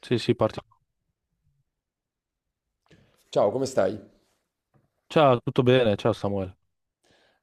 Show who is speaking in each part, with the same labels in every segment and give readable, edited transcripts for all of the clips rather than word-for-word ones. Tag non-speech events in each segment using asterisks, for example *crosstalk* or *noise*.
Speaker 1: Sì, sì, partiamo.
Speaker 2: Ciao, come stai?
Speaker 1: Ciao, tutto bene? Ciao Samuele.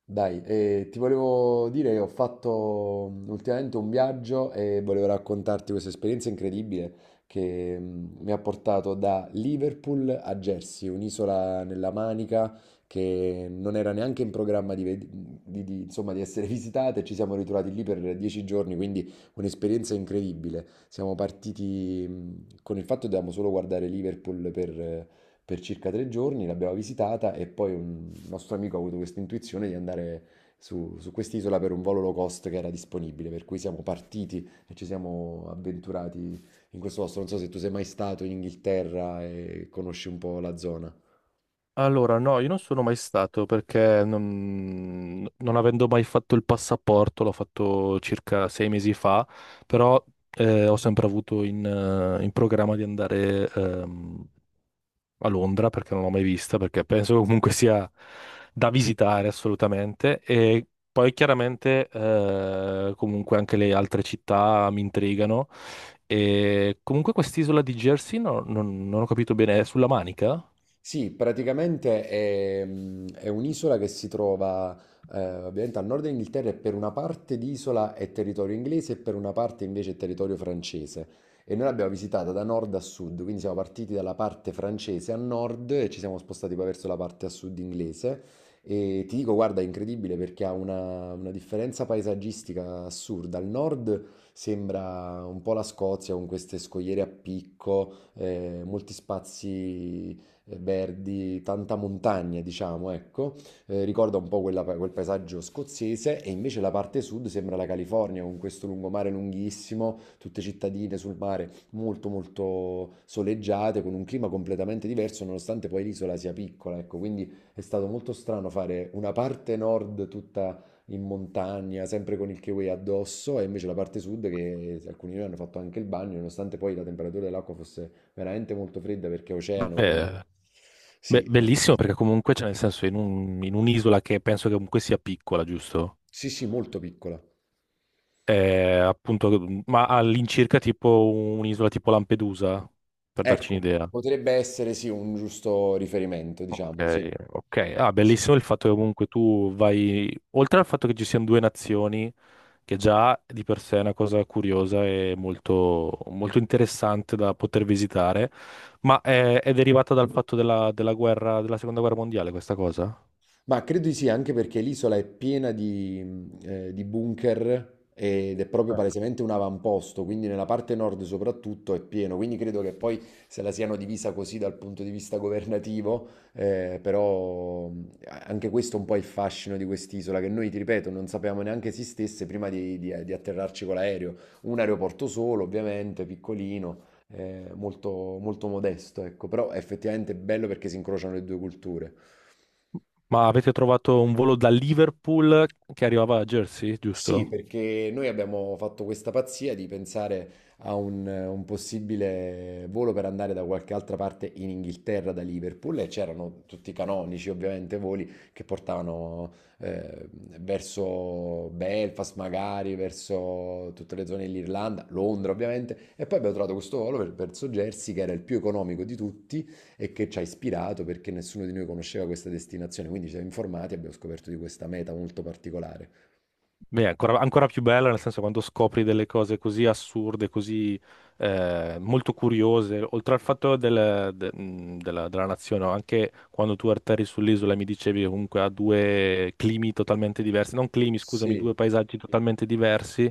Speaker 2: Dai, ti volevo dire che ho fatto ultimamente un viaggio e volevo raccontarti questa esperienza incredibile che mi ha portato da Liverpool a Jersey, un'isola nella Manica che non era neanche in programma di insomma, di essere *laughs* visitata e ci siamo ritrovati lì per 10 giorni, quindi un'esperienza incredibile. Siamo partiti con il fatto che dovevamo solo guardare Liverpool per circa 3 giorni, l'abbiamo visitata e poi un nostro amico ha avuto questa intuizione di andare su quest'isola per un volo low cost che era disponibile, per cui siamo partiti e ci siamo avventurati in questo posto. Non so se tu sei mai stato in Inghilterra e conosci un po' la zona.
Speaker 1: Allora, no, io non sono mai stato perché non avendo mai fatto il passaporto, l'ho fatto circa sei mesi fa, però ho sempre avuto in programma di andare, a Londra perché non l'ho mai vista, perché penso che comunque sia da visitare assolutamente. E poi chiaramente comunque anche le altre città mi intrigano. E comunque quest'isola di Jersey non ho capito bene, è sulla Manica?
Speaker 2: Sì, praticamente è un'isola che si trova ovviamente al nord dell'Inghilterra e per una parte di isola è territorio inglese e per una parte invece è territorio francese. E noi l'abbiamo visitata da nord a sud, quindi siamo partiti dalla parte francese a nord e ci siamo spostati poi verso la parte a sud inglese. E ti dico, guarda, è incredibile perché ha una differenza paesaggistica assurda. Al nord sembra un po' la Scozia con queste scogliere a picco molti spazi verdi, tanta montagna, diciamo, ecco. Ricorda un po' quel paesaggio scozzese e invece la parte sud sembra la California con questo lungomare lunghissimo, tutte cittadine sul mare molto molto soleggiate, con un clima completamente diverso nonostante poi l'isola sia piccola, ecco, quindi è stato molto strano fare una parte nord tutta in montagna, sempre con il kiwi addosso, e invece la parte sud che alcuni di noi hanno fatto anche il bagno, nonostante poi la temperatura dell'acqua fosse veramente molto fredda perché è oceano, quindi
Speaker 1: Beh,
Speaker 2: sì,
Speaker 1: bellissimo perché comunque c'è, nel senso, in in un'isola che penso che comunque sia piccola, giusto?
Speaker 2: sì, sì, molto piccola.
Speaker 1: È appunto, ma all'incirca tipo un'isola tipo Lampedusa, per darci
Speaker 2: Ecco,
Speaker 1: un'idea.
Speaker 2: potrebbe essere sì un giusto riferimento, diciamo, sì.
Speaker 1: Ok, ok. Ah,
Speaker 2: Sì.
Speaker 1: bellissimo il fatto che comunque tu vai, oltre al fatto che ci siano due nazioni, che già di per sé è una cosa curiosa e molto interessante da poter visitare, ma è derivata dal fatto della guerra, della seconda guerra mondiale, questa cosa?
Speaker 2: Ma credo di sì, anche perché l'isola è piena di bunker ed è proprio
Speaker 1: Ah.
Speaker 2: palesemente un avamposto, quindi nella parte nord soprattutto è pieno, quindi credo che poi se la siano divisa così dal punto di vista governativo, però anche questo è un po' il fascino di quest'isola, che noi, ti ripeto, non sapevamo neanche esistesse prima di atterrarci con l'aereo. Un aeroporto solo, ovviamente, piccolino, molto, molto modesto, ecco, però è effettivamente bello perché si incrociano le due culture.
Speaker 1: Ma avete trovato un volo da Liverpool che arrivava a Jersey,
Speaker 2: Sì,
Speaker 1: giusto?
Speaker 2: perché noi abbiamo fatto questa pazzia di pensare a un possibile volo per andare da qualche altra parte in Inghilterra da Liverpool e c'erano tutti i canonici ovviamente voli che portavano eh, verso Belfast magari, verso tutte le zone dell'Irlanda, Londra ovviamente e poi abbiamo trovato questo volo verso Jersey che era il più economico di tutti e che ci ha ispirato perché nessuno di noi conosceva questa destinazione, quindi ci siamo informati e abbiamo scoperto di questa meta molto particolare.
Speaker 1: Beh, è ancora più bella, nel senso, quando scopri delle cose così assurde, così molto curiose, oltre al fatto della nazione, no? Anche quando tu atterri sull'isola e mi dicevi che comunque ha due climi totalmente diversi, non climi, scusami,
Speaker 2: Sì.
Speaker 1: due paesaggi totalmente diversi,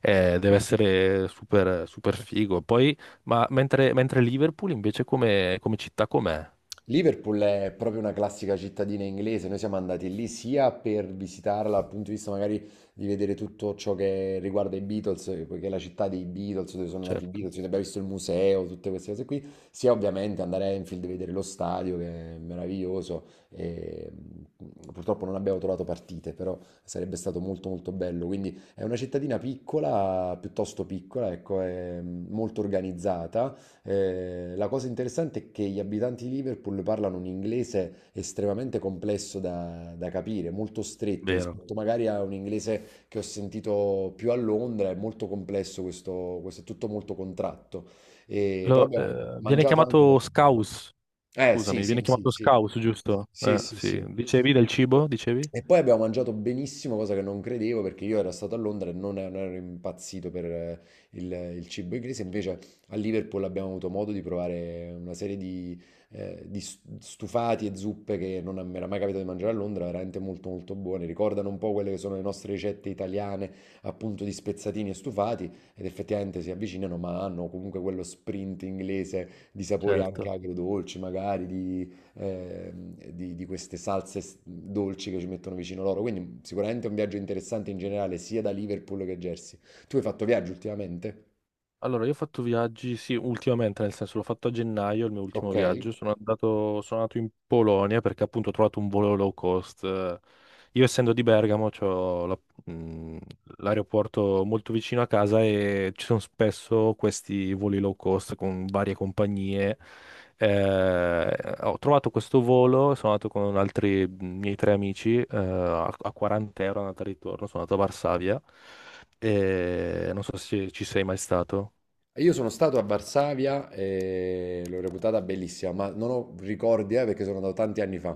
Speaker 1: deve essere super figo. Poi, ma mentre Liverpool invece come, come città com'è?
Speaker 2: Liverpool è proprio una classica cittadina inglese, noi siamo andati lì sia per visitarla dal punto di vista magari di vedere tutto ciò che riguarda i Beatles, poiché è la città dei Beatles, dove sono nati i
Speaker 1: Certo,
Speaker 2: Beatles, quindi abbiamo visto il museo, tutte queste cose qui, sia ovviamente andare a Enfield e vedere lo stadio che è meraviglioso, e, purtroppo non abbiamo trovato partite, però sarebbe stato molto molto bello, quindi è una cittadina piccola, piuttosto piccola, ecco, è molto organizzata. La cosa interessante è che gli abitanti di Liverpool parlano un inglese estremamente complesso da capire, molto stretto
Speaker 1: vero.
Speaker 2: rispetto magari a un inglese che ho sentito più a Londra, è molto complesso questo, questo è tutto molto contratto. Però abbiamo
Speaker 1: Viene
Speaker 2: mangiato anche
Speaker 1: chiamato
Speaker 2: molto bene.
Speaker 1: scaus,
Speaker 2: Eh sì,
Speaker 1: scusami,
Speaker 2: sì,
Speaker 1: viene
Speaker 2: sì,
Speaker 1: chiamato
Speaker 2: sì,
Speaker 1: scaus, giusto?
Speaker 2: sì, sì,
Speaker 1: Sì.
Speaker 2: sì.
Speaker 1: Dicevi del cibo, dicevi?
Speaker 2: E poi abbiamo mangiato benissimo, cosa che non credevo perché io ero stato a Londra e non ero impazzito per il, il cibo inglese. Invece a Liverpool abbiamo avuto modo di provare una serie di stufati e zuppe che non mi era mai capitato di mangiare a Londra, veramente molto molto buone. Ricordano un po' quelle che sono le nostre ricette italiane, appunto di spezzatini e stufati, ed effettivamente si avvicinano, ma hanno comunque quello sprint inglese di sapori anche
Speaker 1: Certo.
Speaker 2: agrodolci, magari eh, di queste salse dolci che ci mettono vicino loro. Quindi sicuramente è un viaggio interessante in generale, sia da Liverpool che Jersey. Tu hai fatto viaggio ultimamente?
Speaker 1: Allora, io ho fatto viaggi, sì, ultimamente, nel senso l'ho fatto a gennaio, il mio ultimo
Speaker 2: Ok.
Speaker 1: viaggio. Sono andato in Polonia perché appunto ho trovato un volo low cost. Io essendo di Bergamo, mh, l'aeroporto molto vicino a casa e ci sono spesso questi voli low cost con varie compagnie. Ho trovato questo volo, sono andato con altri miei tre amici, a 40 € andata e ritorno, sono andato a Varsavia. E non so se ci sei mai stato.
Speaker 2: Io sono stato a Varsavia e l'ho reputata bellissima, ma non ho ricordi, perché sono andato tanti anni fa.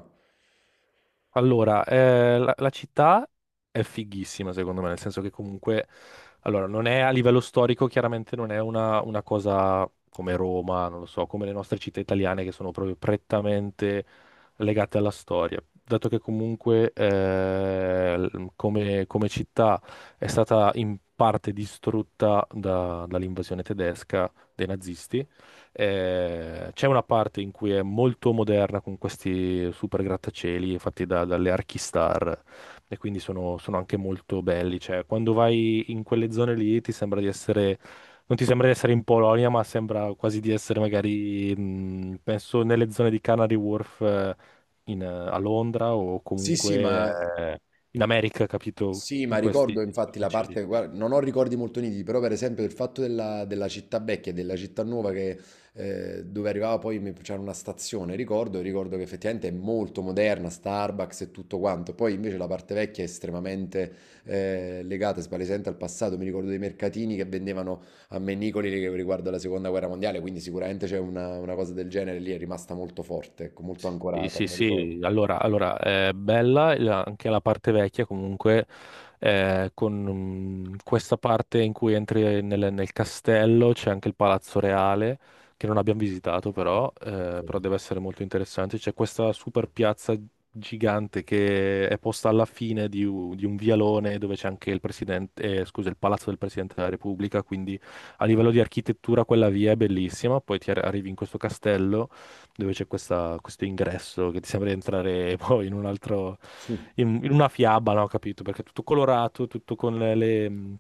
Speaker 1: Allora, la città è fighissima, secondo me, nel senso che comunque, allora, non è a livello storico, chiaramente non è una cosa come Roma, non lo so, come le nostre città italiane che sono proprio prettamente legate alla storia. Dato che comunque come, come città è stata in parte distrutta dall'invasione tedesca dei nazisti, c'è una parte in cui è molto moderna con questi super grattacieli fatti dalle Archistar, e quindi sono anche molto belli. Cioè, quando vai in quelle zone lì ti sembra di essere, non ti sembra di essere in Polonia, ma sembra quasi di essere magari, penso, nelle zone di Canary Wharf, a Londra, o
Speaker 2: Sì, sì,
Speaker 1: comunque
Speaker 2: ma
Speaker 1: eh, in America, capito?
Speaker 2: sì,
Speaker 1: In
Speaker 2: ma
Speaker 1: questi
Speaker 2: ricordo infatti la
Speaker 1: grattacieli.
Speaker 2: parte, guarda, non ho ricordi molto nitidi, però per esempio il fatto della, della città vecchia e della città nuova dove arrivava poi c'era una stazione, ricordo, ricordo che effettivamente è molto moderna, Starbucks e tutto quanto, poi invece la parte vecchia è estremamente legata, spalesente al passato, mi ricordo dei mercatini che vendevano a Mennicoli riguardo alla seconda guerra mondiale, quindi sicuramente c'è una cosa del genere lì, è rimasta molto forte, ecco, molto
Speaker 1: Sì,
Speaker 2: ancorata,
Speaker 1: sì,
Speaker 2: me lo ricordo.
Speaker 1: sì, allora, allora è bella anche la parte vecchia comunque, con mm, questa parte in cui entri nel castello, c'è anche il Palazzo Reale, che non abbiamo visitato però, però deve essere molto interessante, c'è questa super piazza gigante che è posta alla fine di, di un vialone dove c'è anche il presidente, scusa, il Palazzo del Presidente della Repubblica, quindi a livello di architettura quella via è bellissima, poi arrivi in questo castello dove questo ingresso che ti sembra di entrare *laughs* poi in un altro,
Speaker 2: *laughs*
Speaker 1: in una fiaba, no? Capito? Perché è tutto colorato, tutto con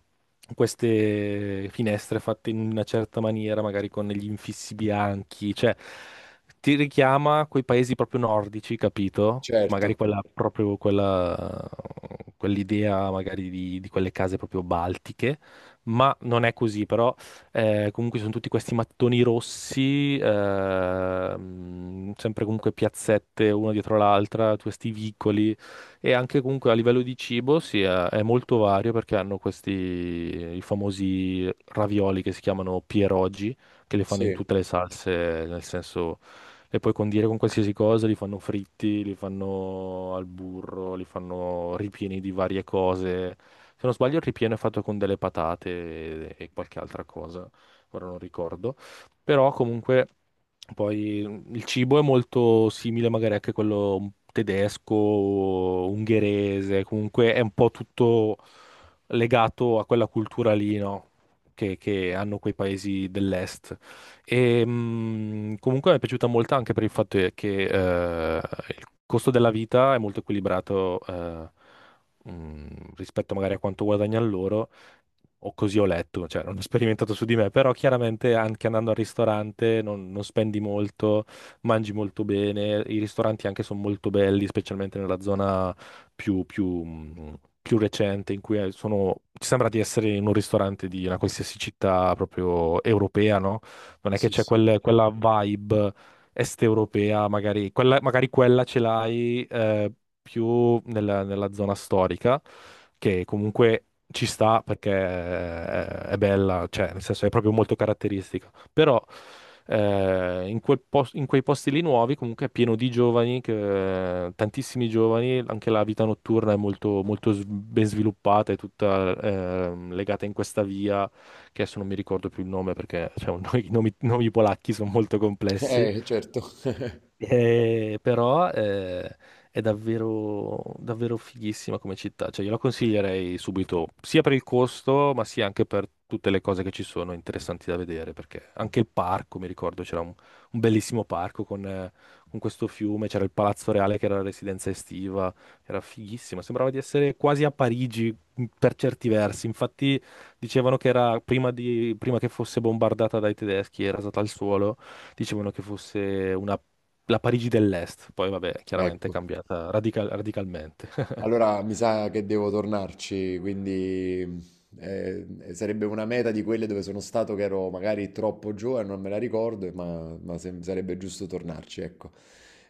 Speaker 1: queste finestre fatte in una certa maniera, magari con gli infissi bianchi, cioè ti richiama quei paesi proprio nordici, capito? Magari
Speaker 2: Certo,
Speaker 1: proprio quella, quell'idea magari di quelle case proprio baltiche, ma non è così, però comunque sono tutti questi mattoni rossi, sempre comunque piazzette una dietro l'altra, questi vicoli. E anche comunque a livello di cibo sì, è molto vario perché hanno questi i famosi ravioli che si chiamano pierogi, che li fanno in
Speaker 2: sì,
Speaker 1: tutte le salse, nel senso le puoi condire con qualsiasi cosa, li fanno fritti, li fanno al burro, li fanno ripieni di varie cose. Se non sbaglio, il ripieno è fatto con delle patate e qualche altra cosa, ora non ricordo. Però comunque poi il cibo è molto simile magari anche a quello tedesco, ungherese, comunque è un po' tutto legato a quella cultura lì, no? Che hanno quei paesi dell'est. E, comunque mi è piaciuta molto anche per il fatto che il costo della vita è molto equilibrato, rispetto magari a quanto guadagnano loro, o così ho letto, cioè non ho sperimentato su di me, però chiaramente anche andando al ristorante non spendi molto, mangi molto bene, i ristoranti anche sono molto belli, specialmente nella zona più recente in cui ci sembra di essere in un ristorante di una qualsiasi città proprio europea, no? Non è che
Speaker 2: sì,
Speaker 1: c'è
Speaker 2: sì.
Speaker 1: quella vibe est-europea, magari quella ce l'hai più nella zona storica, che comunque ci sta perché è bella, cioè nel senso è proprio molto caratteristica. Però in in quei posti lì nuovi comunque è pieno di giovani, tantissimi giovani, anche la vita notturna è molto ben sviluppata, è tutta legata in questa via che adesso non mi ricordo più il nome perché cioè, *laughs* i nomi, nomi polacchi sono molto complessi,
Speaker 2: Certo. *laughs*
Speaker 1: però è davvero fighissima come città, cioè io la consiglierei subito, sia per il costo, ma sia anche per tutte le cose che ci sono interessanti da vedere, perché anche il parco, mi ricordo, c'era un bellissimo parco con questo fiume, c'era il Palazzo Reale che era la residenza estiva, era fighissima, sembrava di essere quasi a Parigi, per certi versi, infatti dicevano che era prima che fosse bombardata dai tedeschi e rasata al suolo, dicevano che fosse una, la Parigi dell'Est, poi vabbè, chiaramente è
Speaker 2: Ecco.
Speaker 1: cambiata radicalmente. *laughs*
Speaker 2: Allora mi sa che devo tornarci, quindi sarebbe una meta di quelle dove sono stato che ero magari troppo giovane, non me la ricordo, ma, sarebbe giusto tornarci, ecco.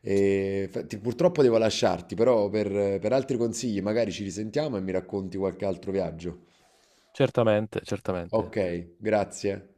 Speaker 2: Purtroppo devo lasciarti, però per altri consigli magari ci risentiamo e mi racconti qualche altro viaggio.
Speaker 1: Certamente, certamente.
Speaker 2: Ok, grazie.